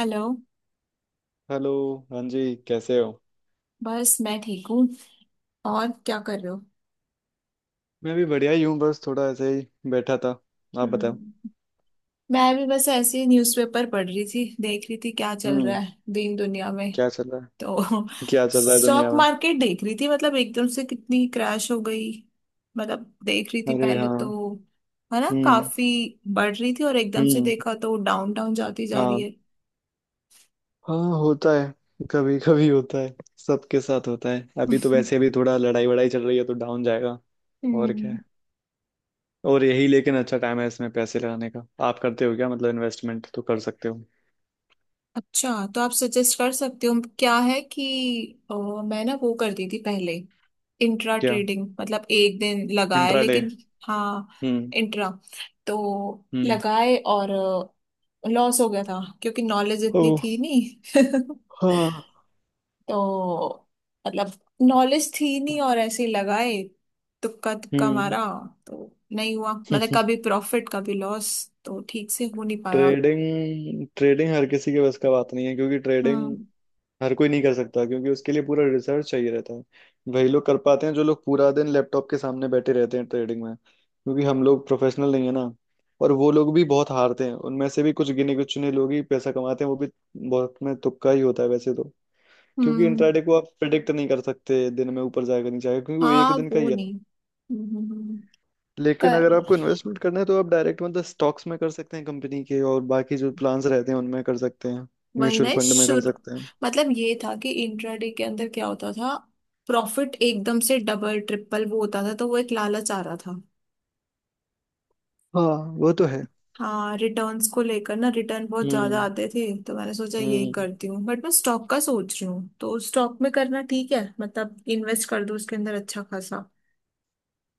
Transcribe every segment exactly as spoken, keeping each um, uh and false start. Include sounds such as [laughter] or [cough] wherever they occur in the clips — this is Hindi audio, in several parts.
हेलो। हेलो। हाँ जी, कैसे हो? बस मैं ठीक हूँ। और क्या कर रहे हो? मैं भी बढ़िया ही हूँ, बस थोड़ा ऐसे ही बैठा था। आप बताओ। हम्म, मैं भी बस ऐसे ही न्यूज़पेपर पढ़ रही थी, देख रही थी क्या चल रहा हम्म। है दीन दुनिया में। क्या चल रहा है? तो क्या [laughs] चल रहा है स्टॉक दुनिया में? मार्केट देख रही थी, मतलब एकदम से कितनी क्रैश हो गई। मतलब देख रही थी अरे पहले हाँ। तो है ना हम्म। काफी बढ़ रही थी, और एकदम से हम्म। देखा तो डाउन डाउन जाती जा रही हाँ। है। हाँ होता है, कभी कभी होता है। सबके साथ होता है, अभी तो वैसे [laughs] भी थोड़ा लड़ाई वड़ाई चल रही है तो डाउन जाएगा। और क्या हम्म। है। और यही, लेकिन अच्छा टाइम है इसमें पैसे लगाने का। आप करते हो क्या, मतलब इन्वेस्टमेंट तो कर सकते हो। अच्छा, तो आप सजेस्ट कर सकते हो? क्या है कि अ, मैं ना वो करती थी पहले, इंट्रा क्या? ट्रेडिंग, मतलब एक दिन लगाया इंट्राडे। लेकिन। हाँ, हम्म। इंट्रा। तो हम्म। लगाए और लॉस हो गया था क्योंकि नॉलेज इतनी ओह। थी नहीं [laughs] हाँ। तो मतलब नॉलेज थी नहीं और ऐसे ही लगाए, तुक्का तुक्का हम्म। मारा। तो नहीं हुआ, मतलब [laughs] कभी प्रॉफिट कभी लॉस, तो ठीक से हो नहीं पाया। ट्रेडिंग ट्रेडिंग हर किसी के बस का बात नहीं है, क्योंकि ट्रेडिंग हम्म। हर कोई नहीं कर सकता क्योंकि उसके लिए पूरा रिसर्च चाहिए रहता है। वही लोग कर पाते हैं जो लोग पूरा दिन लैपटॉप के सामने बैठे रहते हैं ट्रेडिंग में, क्योंकि हम लोग प्रोफेशनल नहीं है ना। और वो लोग भी बहुत हारते हैं, उनमें से भी कुछ गिने कुछ चुने लोग ही पैसा कमाते हैं वो भी। बहुत में तुक्का ही होता है वैसे तो। क्योंकि हम्म। इंट्राडे को आप प्रिडिक्ट नहीं कर सकते दिन में, ऊपर जाएगा नहीं जाएगा, क्योंकि वो एक हाँ दिन का वो ही है। नहीं। हम्म, हम्म, हम्म। लेकिन कर अगर आपको इन्वेस्टमेंट करना है तो आप डायरेक्ट मतलब स्टॉक्स में कर सकते हैं कंपनी के, और बाकी जो प्लान्स रहते हैं उनमें कर सकते हैं। वही ना म्यूचुअल फंड में कर शुरू, सकते हैं। मतलब ये था कि इंट्राडे के अंदर क्या होता था, प्रॉफिट एकदम से डबल ट्रिपल वो होता था, तो वो एक लालच आ रहा था। हाँ। वो तो है। हाँ, रिटर्न्स को लेकर ना, रिटर्न बहुत ज्यादा हम्म। आते थे तो मैंने सोचा यही हम्म। करती हूँ, बट मैं स्टॉक का सोच रही हूँ, तो स्टॉक में करना ठीक है, मतलब इन्वेस्ट कर दूँ उसके अंदर अच्छा खासा।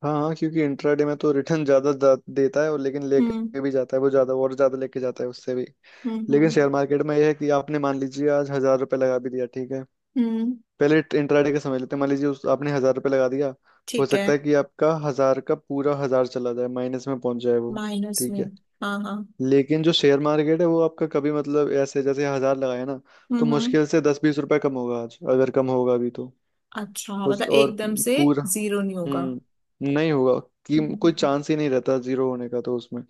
हाँ हाँ, क्योंकि इंट्राडे में तो रिटर्न ज्यादा दा- देता है, और लेकिन हम्म। लेके भी जाता है वो ज्यादा, और ज्यादा लेके जाता है उससे भी। हम्म। लेकिन हम्म। शेयर मार्केट में यह है कि आपने मान लीजिए आज हज़ार रुपये लगा भी दिया, ठीक है। हम्म, पहले इंट्राडे का समझ लेते हैं, मान लीजिए उस आपने हज़ार रुपये लगा दिया। हो ठीक है। सकता है कि आपका हजार का पूरा हजार चला जाए, माइनस में पहुंच जाए वो। माइनस ठीक में? है। हाँ हाँ। लेकिन जो शेयर मार्केट है वो आपका कभी मतलब ऐसे, जैसे हजार लगाए ना, तो हम्म। हम्म। मुश्किल से दस बीस रुपए कम होगा आज, अगर कम होगा अभी तो। अच्छा, मतलब उस और एकदम से पूरा। जीरो नहीं होगा। हम्म, नहीं होगा। कि कोई हम्म। चांस ही नहीं रहता जीरो होने का तो उसमें।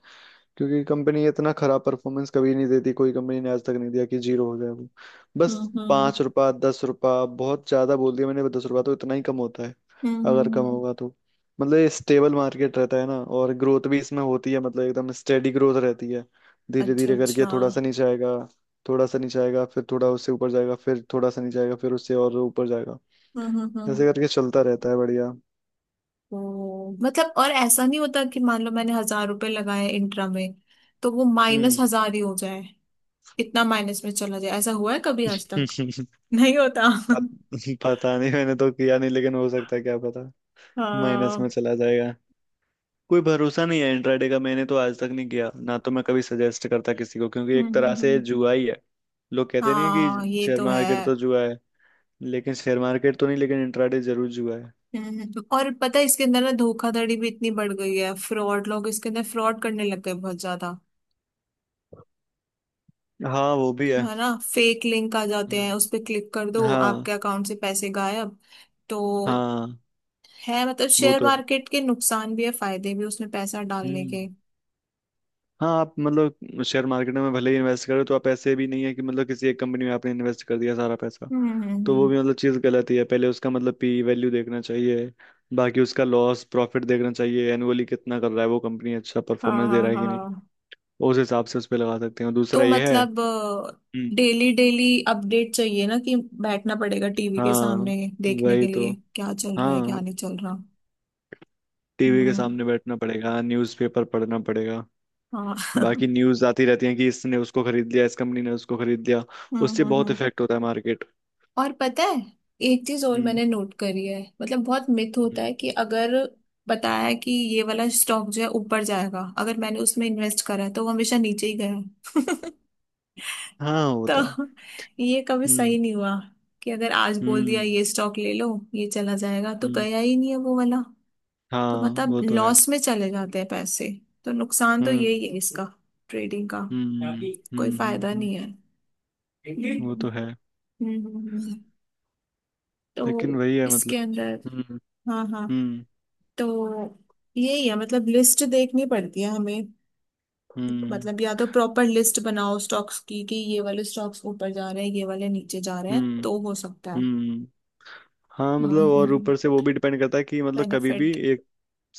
क्योंकि कंपनी इतना खराब परफॉर्मेंस कभी नहीं देती, कोई कंपनी ने आज तक नहीं दिया कि जीरो हो जाए वो। बस हम्म। पाँच रुपया दस रुपया, बहुत ज्यादा बोल दिया मैंने दस रुपया, तो इतना ही कम होता है हम्म। हम्म। अगर कम हम्म, होगा तो। मतलब स्टेबल मार्केट रहता है ना, और ग्रोथ भी इसमें होती है, मतलब एकदम स्टेडी ग्रोथ रहती है। धीरे अच्छा धीरे अच्छा। करके थोड़ा हम्म। सा नीचे आएगा, थोड़ा सा नीचे आएगा फिर थोड़ा उससे ऊपर जाएगा, फिर थोड़ा सा नीचे आएगा फिर उससे और ऊपर जाएगा। हम्म। हम्म। ऐसे करके चलता रहता है, बढ़िया। ओ मतलब, और ऐसा नहीं होता कि मान लो मैंने हजार रुपए लगाए इंट्रा में, तो वो माइनस हम्म। हजार ही हो जाए? इतना माइनस में चला जाए, ऐसा हुआ है कभी आज तक? [laughs] [laughs] नहीं होता। पत- पता नहीं, मैंने तो किया नहीं, लेकिन हो सकता है क्या पता माइनस हाँ। में चला जाएगा। कोई भरोसा नहीं है इंट्राडे का, मैंने तो आज तक नहीं किया ना, तो मैं कभी सजेस्ट करता किसी को, क्योंकि हम्म एक हम्म तरह से हम्म। जुआ ही है। लोग कहते नहीं है कि हाँ ये शेयर तो है। मार्केट तो जुआ है। लेकिन शेयर मार्केट तो नहीं, लेकिन इंट्राडे जरूर जुआ है। हम्म हम्म। और पता है, इसके अंदर ना धोखाधड़ी भी इतनी बढ़ गई है, फ्रॉड लोग इसके अंदर फ्रॉड करने लग गए बहुत ज्यादा। हाँ वो भी है। है ना? फेक लिंक आ जाते हैं, उस हम्म। पर क्लिक कर दो, हाँ। आपके अकाउंट से पैसे गायब। तो हाँ, है, मतलब वो शेयर तो है। मार्केट के नुकसान भी है फायदे भी उसमें पैसा डालने हम्म। के। हाँ आप मतलब शेयर मार्केट में भले ही इन्वेस्ट करो, तो आप ऐसे भी नहीं है कि मतलब किसी एक कंपनी में आपने इन्वेस्ट कर दिया सारा पैसा, हम्म हम्म तो वो हम्म। भी मतलब चीज़ गलत ही है। पहले उसका मतलब पी वैल्यू देखना चाहिए, बाकी उसका लॉस प्रॉफिट देखना चाहिए, एनुअली कितना कर रहा है वो कंपनी, अच्छा हाँ परफॉर्मेंस दे हाँ रहा है कि नहीं, हाँ। उस हिसाब से उस पर लगा सकते हैं। और तो दूसरा ये है। मतलब हम्म। डेली डेली अपडेट चाहिए ना, कि बैठना पड़ेगा टीवी के हाँ, सामने, देखने के वही तो। लिए क्या चल रहा है हाँ, क्या नहीं चल रहा। टीवी के हम्म। सामने बैठना पड़ेगा, न्यूज़पेपर पढ़ना पड़ेगा। हाँ [laughs] बाकी न्यूज़ आती रहती है कि इसने उसको खरीद लिया, इस कंपनी ने उसको खरीद लिया, हम्म उससे हम्म बहुत हम्म। इफेक्ट होता है मार्केट। और पता है, एक चीज और हम्म। मैंने नोट करी है, मतलब बहुत मिथ होता हम्म। है कि अगर बताया कि ये वाला स्टॉक जो है ऊपर जाएगा, अगर मैंने उसमें इन्वेस्ट करा है, तो वो हमेशा नीचे ही गया है। [laughs] हाँ होता है। तो ये कभी सही हम्म। नहीं हुआ कि अगर आज बोल दिया हम्म। ये स्टॉक ले लो, ये चला जाएगा, तो हम्म। गया ही नहीं है वो वाला। तो हाँ, मतलब वो तो है। लॉस में चले जाते हैं पैसे। तो नुकसान तो हम्म। यही है इसका, ट्रेडिंग का। हम्म। कोई हम्म। हम्म, फायदा हम्म, नहीं है। हम्म। वो तो है। हम्म, हम्म, हम्म। लेकिन तो वही है मतलब। इसके अंदर, हम्म। हाँ हाँ, हम्म। तो यही है मतलब लिस्ट देखनी पड़ती है हमें, हम्म। मतलब या तो प्रॉपर लिस्ट बनाओ स्टॉक्स की कि ये वाले स्टॉक्स ऊपर जा रहे हैं, ये वाले नीचे जा रहे हैं, हम्म। तो हो सकता है। हम्म। हाँ हाँ, मतलब और ऊपर से वो भी डिपेंड करता है कि मतलब कभी भी बेनिफिट। एक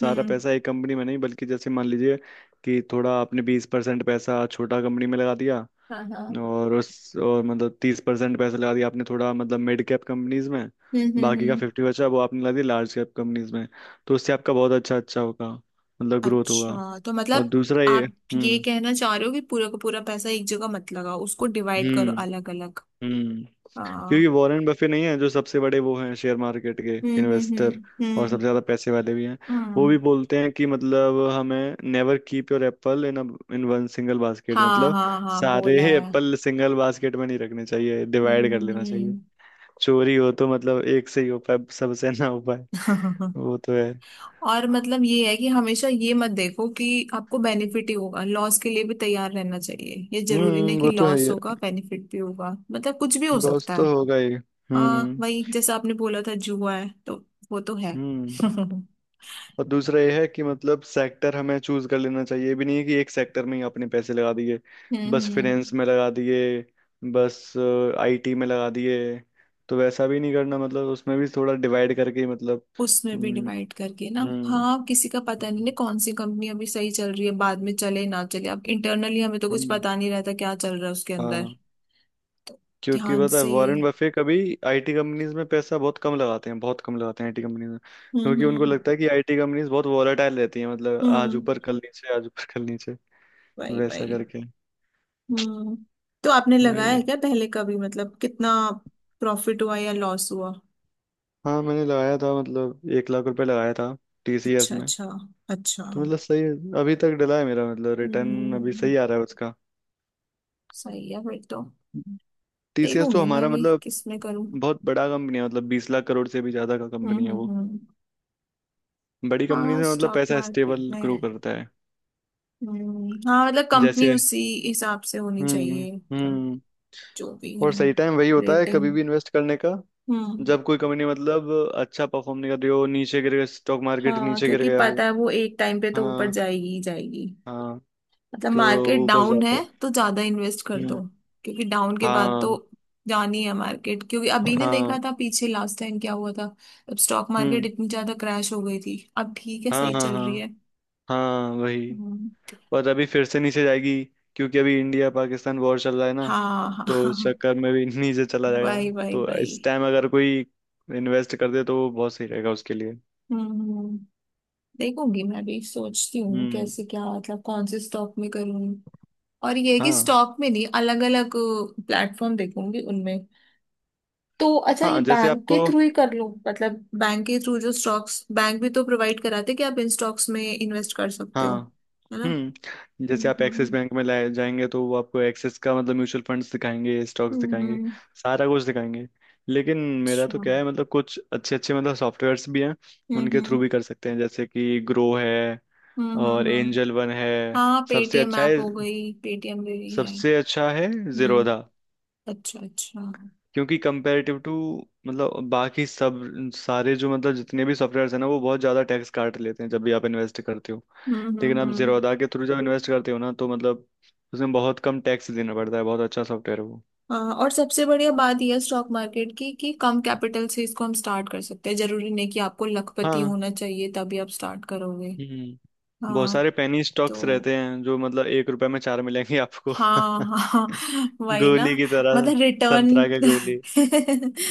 सारा हम्म। पैसा एक कंपनी में नहीं, बल्कि जैसे मान लीजिए कि थोड़ा आपने बीस परसेंट पैसा छोटा कंपनी में लगा दिया, हाँ हाँ। और उस और मतलब तीस परसेंट पैसा लगा दिया आपने थोड़ा, मतलब मिड कैप कंपनीज में। हम्म हम्म बाकी का हम्म। फिफ्टी बचा वो आपने लगा दिया लार्ज कैप कंपनीज में। तो उससे आपका बहुत अच्छा अच्छा होगा, मतलब ग्रोथ होगा। अच्छा, तो और मतलब दूसरा ये। आप ये हम्म। कहना चाह रहे हो कि पूरा का पूरा पैसा एक जगह मत लगाओ, उसको डिवाइड करो हम्म। अलग अलग। हम्म। क्योंकि हाँ। वॉरेन बफे नहीं है, जो सबसे बड़े वो हैं शेयर मार्केट के हम्म हम्म इन्वेस्टर, हम्म। और हम्म। सबसे ज्यादा पैसे वाले भी हैं। वो हम्म। भी बोलते हैं कि मतलब, हमें never keep your apple in in one single basket. हाँ मतलब हाँ हाँ, सारे बोला है। एप्पल सिंगल बास्केट में नहीं रखने चाहिए, डिवाइड कर लेना चाहिए। हम्म। चोरी हो तो मतलब एक से ही हो पाए, सबसे ना हो पाए। [laughs] वो तो है। और मतलब ये है कि हमेशा ये मत देखो कि आपको बेनिफिट ही होगा, लॉस के लिए भी तैयार रहना चाहिए, ये जरूरी नहीं हम्म, कि वो तो है ही लॉस है। होगा, बेनिफिट भी होगा, मतलब कुछ भी हो लॉस सकता तो है। होगा ही। हाँ, वही हम्म। जैसे आपने बोला था जुआ है, तो वो तो है हम्म। [laughs] हम्म। और दूसरा यह है कि मतलब सेक्टर हमें चूज कर लेना चाहिए। ये भी नहीं है कि एक सेक्टर में ही अपने पैसे लगा दिए, बस हम्म, फाइनेंस में लगा दिए, बस आई टी में लगा दिए। तो वैसा भी नहीं करना, मतलब उसमें भी थोड़ा डिवाइड करके ही, मतलब। उसमें भी हम्म। डिवाइड करके ना। हम्म। हाँ किसी का पता नहीं ना, कौन सी कंपनी अभी सही चल रही है, बाद में चले ना चले, अब इंटरनली हमें तो कुछ हम्म, पता नहीं रहता क्या चल रहा है उसके अंदर। हाँ तो क्योंकि ध्यान पता है से ही। वॉरेन बफे कभी आई टी कंपनीज में पैसा बहुत कम लगाते हैं, बहुत कम लगाते हैं आई टी कंपनीज में, हम्म क्योंकि उनको हम्म। लगता है कि आई टी कंपनीज बहुत वॉलेटाइल रहती हैं। मतलब आज हम्म, ऊपर कल नीचे, आज ऊपर कल नीचे। भाई भाई। वैसा करके। हम्म, तो आपने लगाया वही है। है क्या पहले कभी, मतलब कितना प्रॉफिट हुआ या लॉस हुआ? हाँ मैंने लगाया था, मतलब एक लाख रुपए लगाया था टी सी एस अच्छा में। अच्छा। अच्छा। तो मतलब सही है, अभी तक डला है मेरा, मतलब रिटर्न हम्म। अभी सही आ रहा है उसका। सही है फिर तो। टी सी एस तो देखूंगी मैं हमारा भी मतलब किस में करूं। बहुत बड़ा कंपनी है, मतलब बीस लाख करोड़ से भी ज्यादा का कंपनी हम्म है हम्म वो। हम्म। बड़ी कंपनी हाँ से मतलब स्टॉक पैसा मार्केट स्टेबल ग्रो में। करता है। हम्म, हाँ मतलब कंपनी जैसे। उसी हिसाब से होनी हम्म। चाहिए, मतलब हम्म। जो भी है, और सही टाइम वही होता है रेटिंग। कभी भी इन्वेस्ट करने का, हम्म। जब कोई कंपनी मतलब अच्छा परफॉर्म नहीं कर रही हो, नीचे गिर गया स्टॉक मार्केट, हाँ नीचे गिर क्योंकि गया हो। पता है वो एक टाइम पे तो ऊपर हाँ। जाएगी ही जाएगी, हाँ, मतलब मार्केट तो ऊपर डाउन है, जाता है। तो ज्यादा इन्वेस्ट कर दो, हम्म। क्योंकि डाउन के बाद तो हाँ जानी है मार्केट, क्योंकि अभी ने हाँ। देखा था पीछे, लास्ट टाइम क्या हुआ था, अब स्टॉक मार्केट हम्म। इतनी ज्यादा क्रैश हो गई थी, अब ठीक है हाँ सही हाँ चल रही हाँ। है। हाँ वही। हम्म, और अभी फिर से नीचे जाएगी, क्योंकि अभी इंडिया पाकिस्तान वॉर चल रहा है ना, हाँ हाँ तो उस हाँ। चक्कर में भी [laughs] नीचे चला जाएगा। भाई भाई तो भाई। इस टाइम अगर कोई इन्वेस्ट कर दे तो वो बहुत सही रहेगा उसके लिए। हम्म हम्म, देखूंगी मैं भी, सोचती हूँ हम्म। कैसे क्या, मतलब कौन से स्टॉक में करूँ। और ये है कि हाँ, स्टॉक में नहीं, अलग अलग प्लेटफॉर्म देखूंगी उनमें। तो अच्छा, ये हाँ जैसे बैंक के आपको। थ्रू ही कर लूं मतलब, बैंक के थ्रू जो स्टॉक्स, बैंक भी तो प्रोवाइड कराते हैं कि आप इन स्टॉक्स में इन्वेस्ट कर सकते हो, हाँ। है ना? हम्म, जैसे आप एक्सिस हम्म। बैंक में लाए जाएंगे, तो वो आपको एक्सिस का मतलब म्यूचुअल फंड्स दिखाएंगे, स्टॉक्स दिखाएंगे, हम्म। सारा कुछ दिखाएंगे। लेकिन मेरा अच्छा। तो क्या हम्म है, मतलब कुछ अच्छे अच्छे मतलब सॉफ्टवेयर्स भी हैं, उनके हम्म थ्रू भी कर सकते हैं, जैसे कि ग्रो है, हम्म और हम्म हम्म। एंजल वन है। हाँ, सबसे पेटीएम अच्छा है, ऐप हो गई, पेटीएम भी भी है। सबसे अच्छा है हम्म। जीरोधा, अच्छा अच्छा। हम्म क्योंकि कंपेरेटिव टू मतलब बाकी सब, सारे जो मतलब जितने भी सॉफ्टवेयर हैं ना, वो बहुत ज़्यादा टैक्स काट लेते हैं जब भी आप इन्वेस्ट करते हो। हम्म लेकिन आप हम्म। जीरोधा के थ्रू जब इन्वेस्ट करते हो ना, तो मतलब उसमें बहुत कम टैक्स देना पड़ता है। बहुत अच्छा सॉफ्टवेयर है वो। हाँ, और सबसे बढ़िया बात यह है स्टॉक मार्केट की, कि कम कैपिटल से इसको हम स्टार्ट कर सकते हैं, जरूरी नहीं कि आपको लखपति हाँ। होना चाहिए तभी आप स्टार्ट करोगे। हम्म, बहुत हाँ। सारे पेनी स्टॉक्स तो रहते हैं जो मतलब एक रुपए में चार मिलेंगे आपको हाँ हाँ [laughs] [laughs] वही ना, गोली की तरह। मतलब संतरा रिटर्न, के गोली।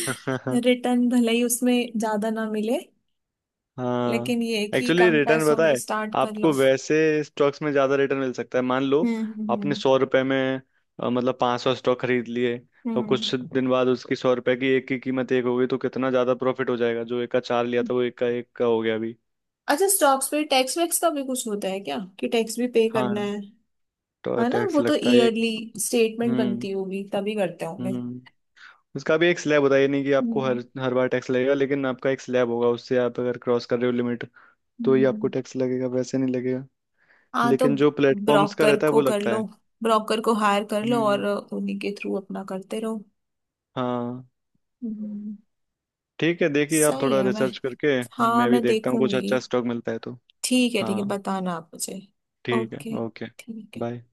[laughs] रिटर्न [laughs] भले ही उसमें ज्यादा ना मिले, हाँ। लेकिन ये है कि एक्चुअली कम रिटर्न पैसों पता में है स्टार्ट कर लो। आपको, वैसे स्टॉक्स में ज्यादा रिटर्न मिल सकता है। मान लो हम्म आपने हम्म सौ रुपए में अ, मतलब पांच सौ स्टॉक खरीद लिए, हम्म। और हम्म। कुछ दिन बाद उसकी सौ रुपए की एक की कीमत एक हो गई, तो कितना ज्यादा प्रॉफिट हो जाएगा। जो एक का चार लिया था वो एक का एक का हो गया अभी। अच्छा, स्टॉक्स पे टैक्स वैक्स का भी कुछ होता है क्या, कि टैक्स भी पे हाँ, करना है? तो है ना, टैक्स वो तो लगता है एक। ईयरली स्टेटमेंट हम्म। बनती होगी तभी करते होंगे। हम्म। उसका भी एक स्लैब होता है, ये नहीं कि आपको हर हम्म हर बार टैक्स लगेगा, लेकिन आपका एक स्लैब होगा, उससे आप अगर क्रॉस कर रहे हो लिमिट तो ही आपको हम्म। टैक्स लगेगा, वैसे नहीं लगेगा। हाँ तो लेकिन जो प्लेटफॉर्म्स का ब्रोकर रहता है वो को कर लगता लो, है। ब्रोकर को हायर कर लो हम्म। और उन्हीं के थ्रू अपना करते रहो। हाँ, हम्म, ठीक है देखिए आप सही थोड़ा है। मैं, रिसर्च करके, हाँ मैं भी मैं देखता हूँ कुछ देखूंगी। अच्छा स्टॉक मिलता है तो। ठीक है ठीक है, हाँ। बताना आप मुझे। ठीक है। ओके। ओके। ठीक है। बाय।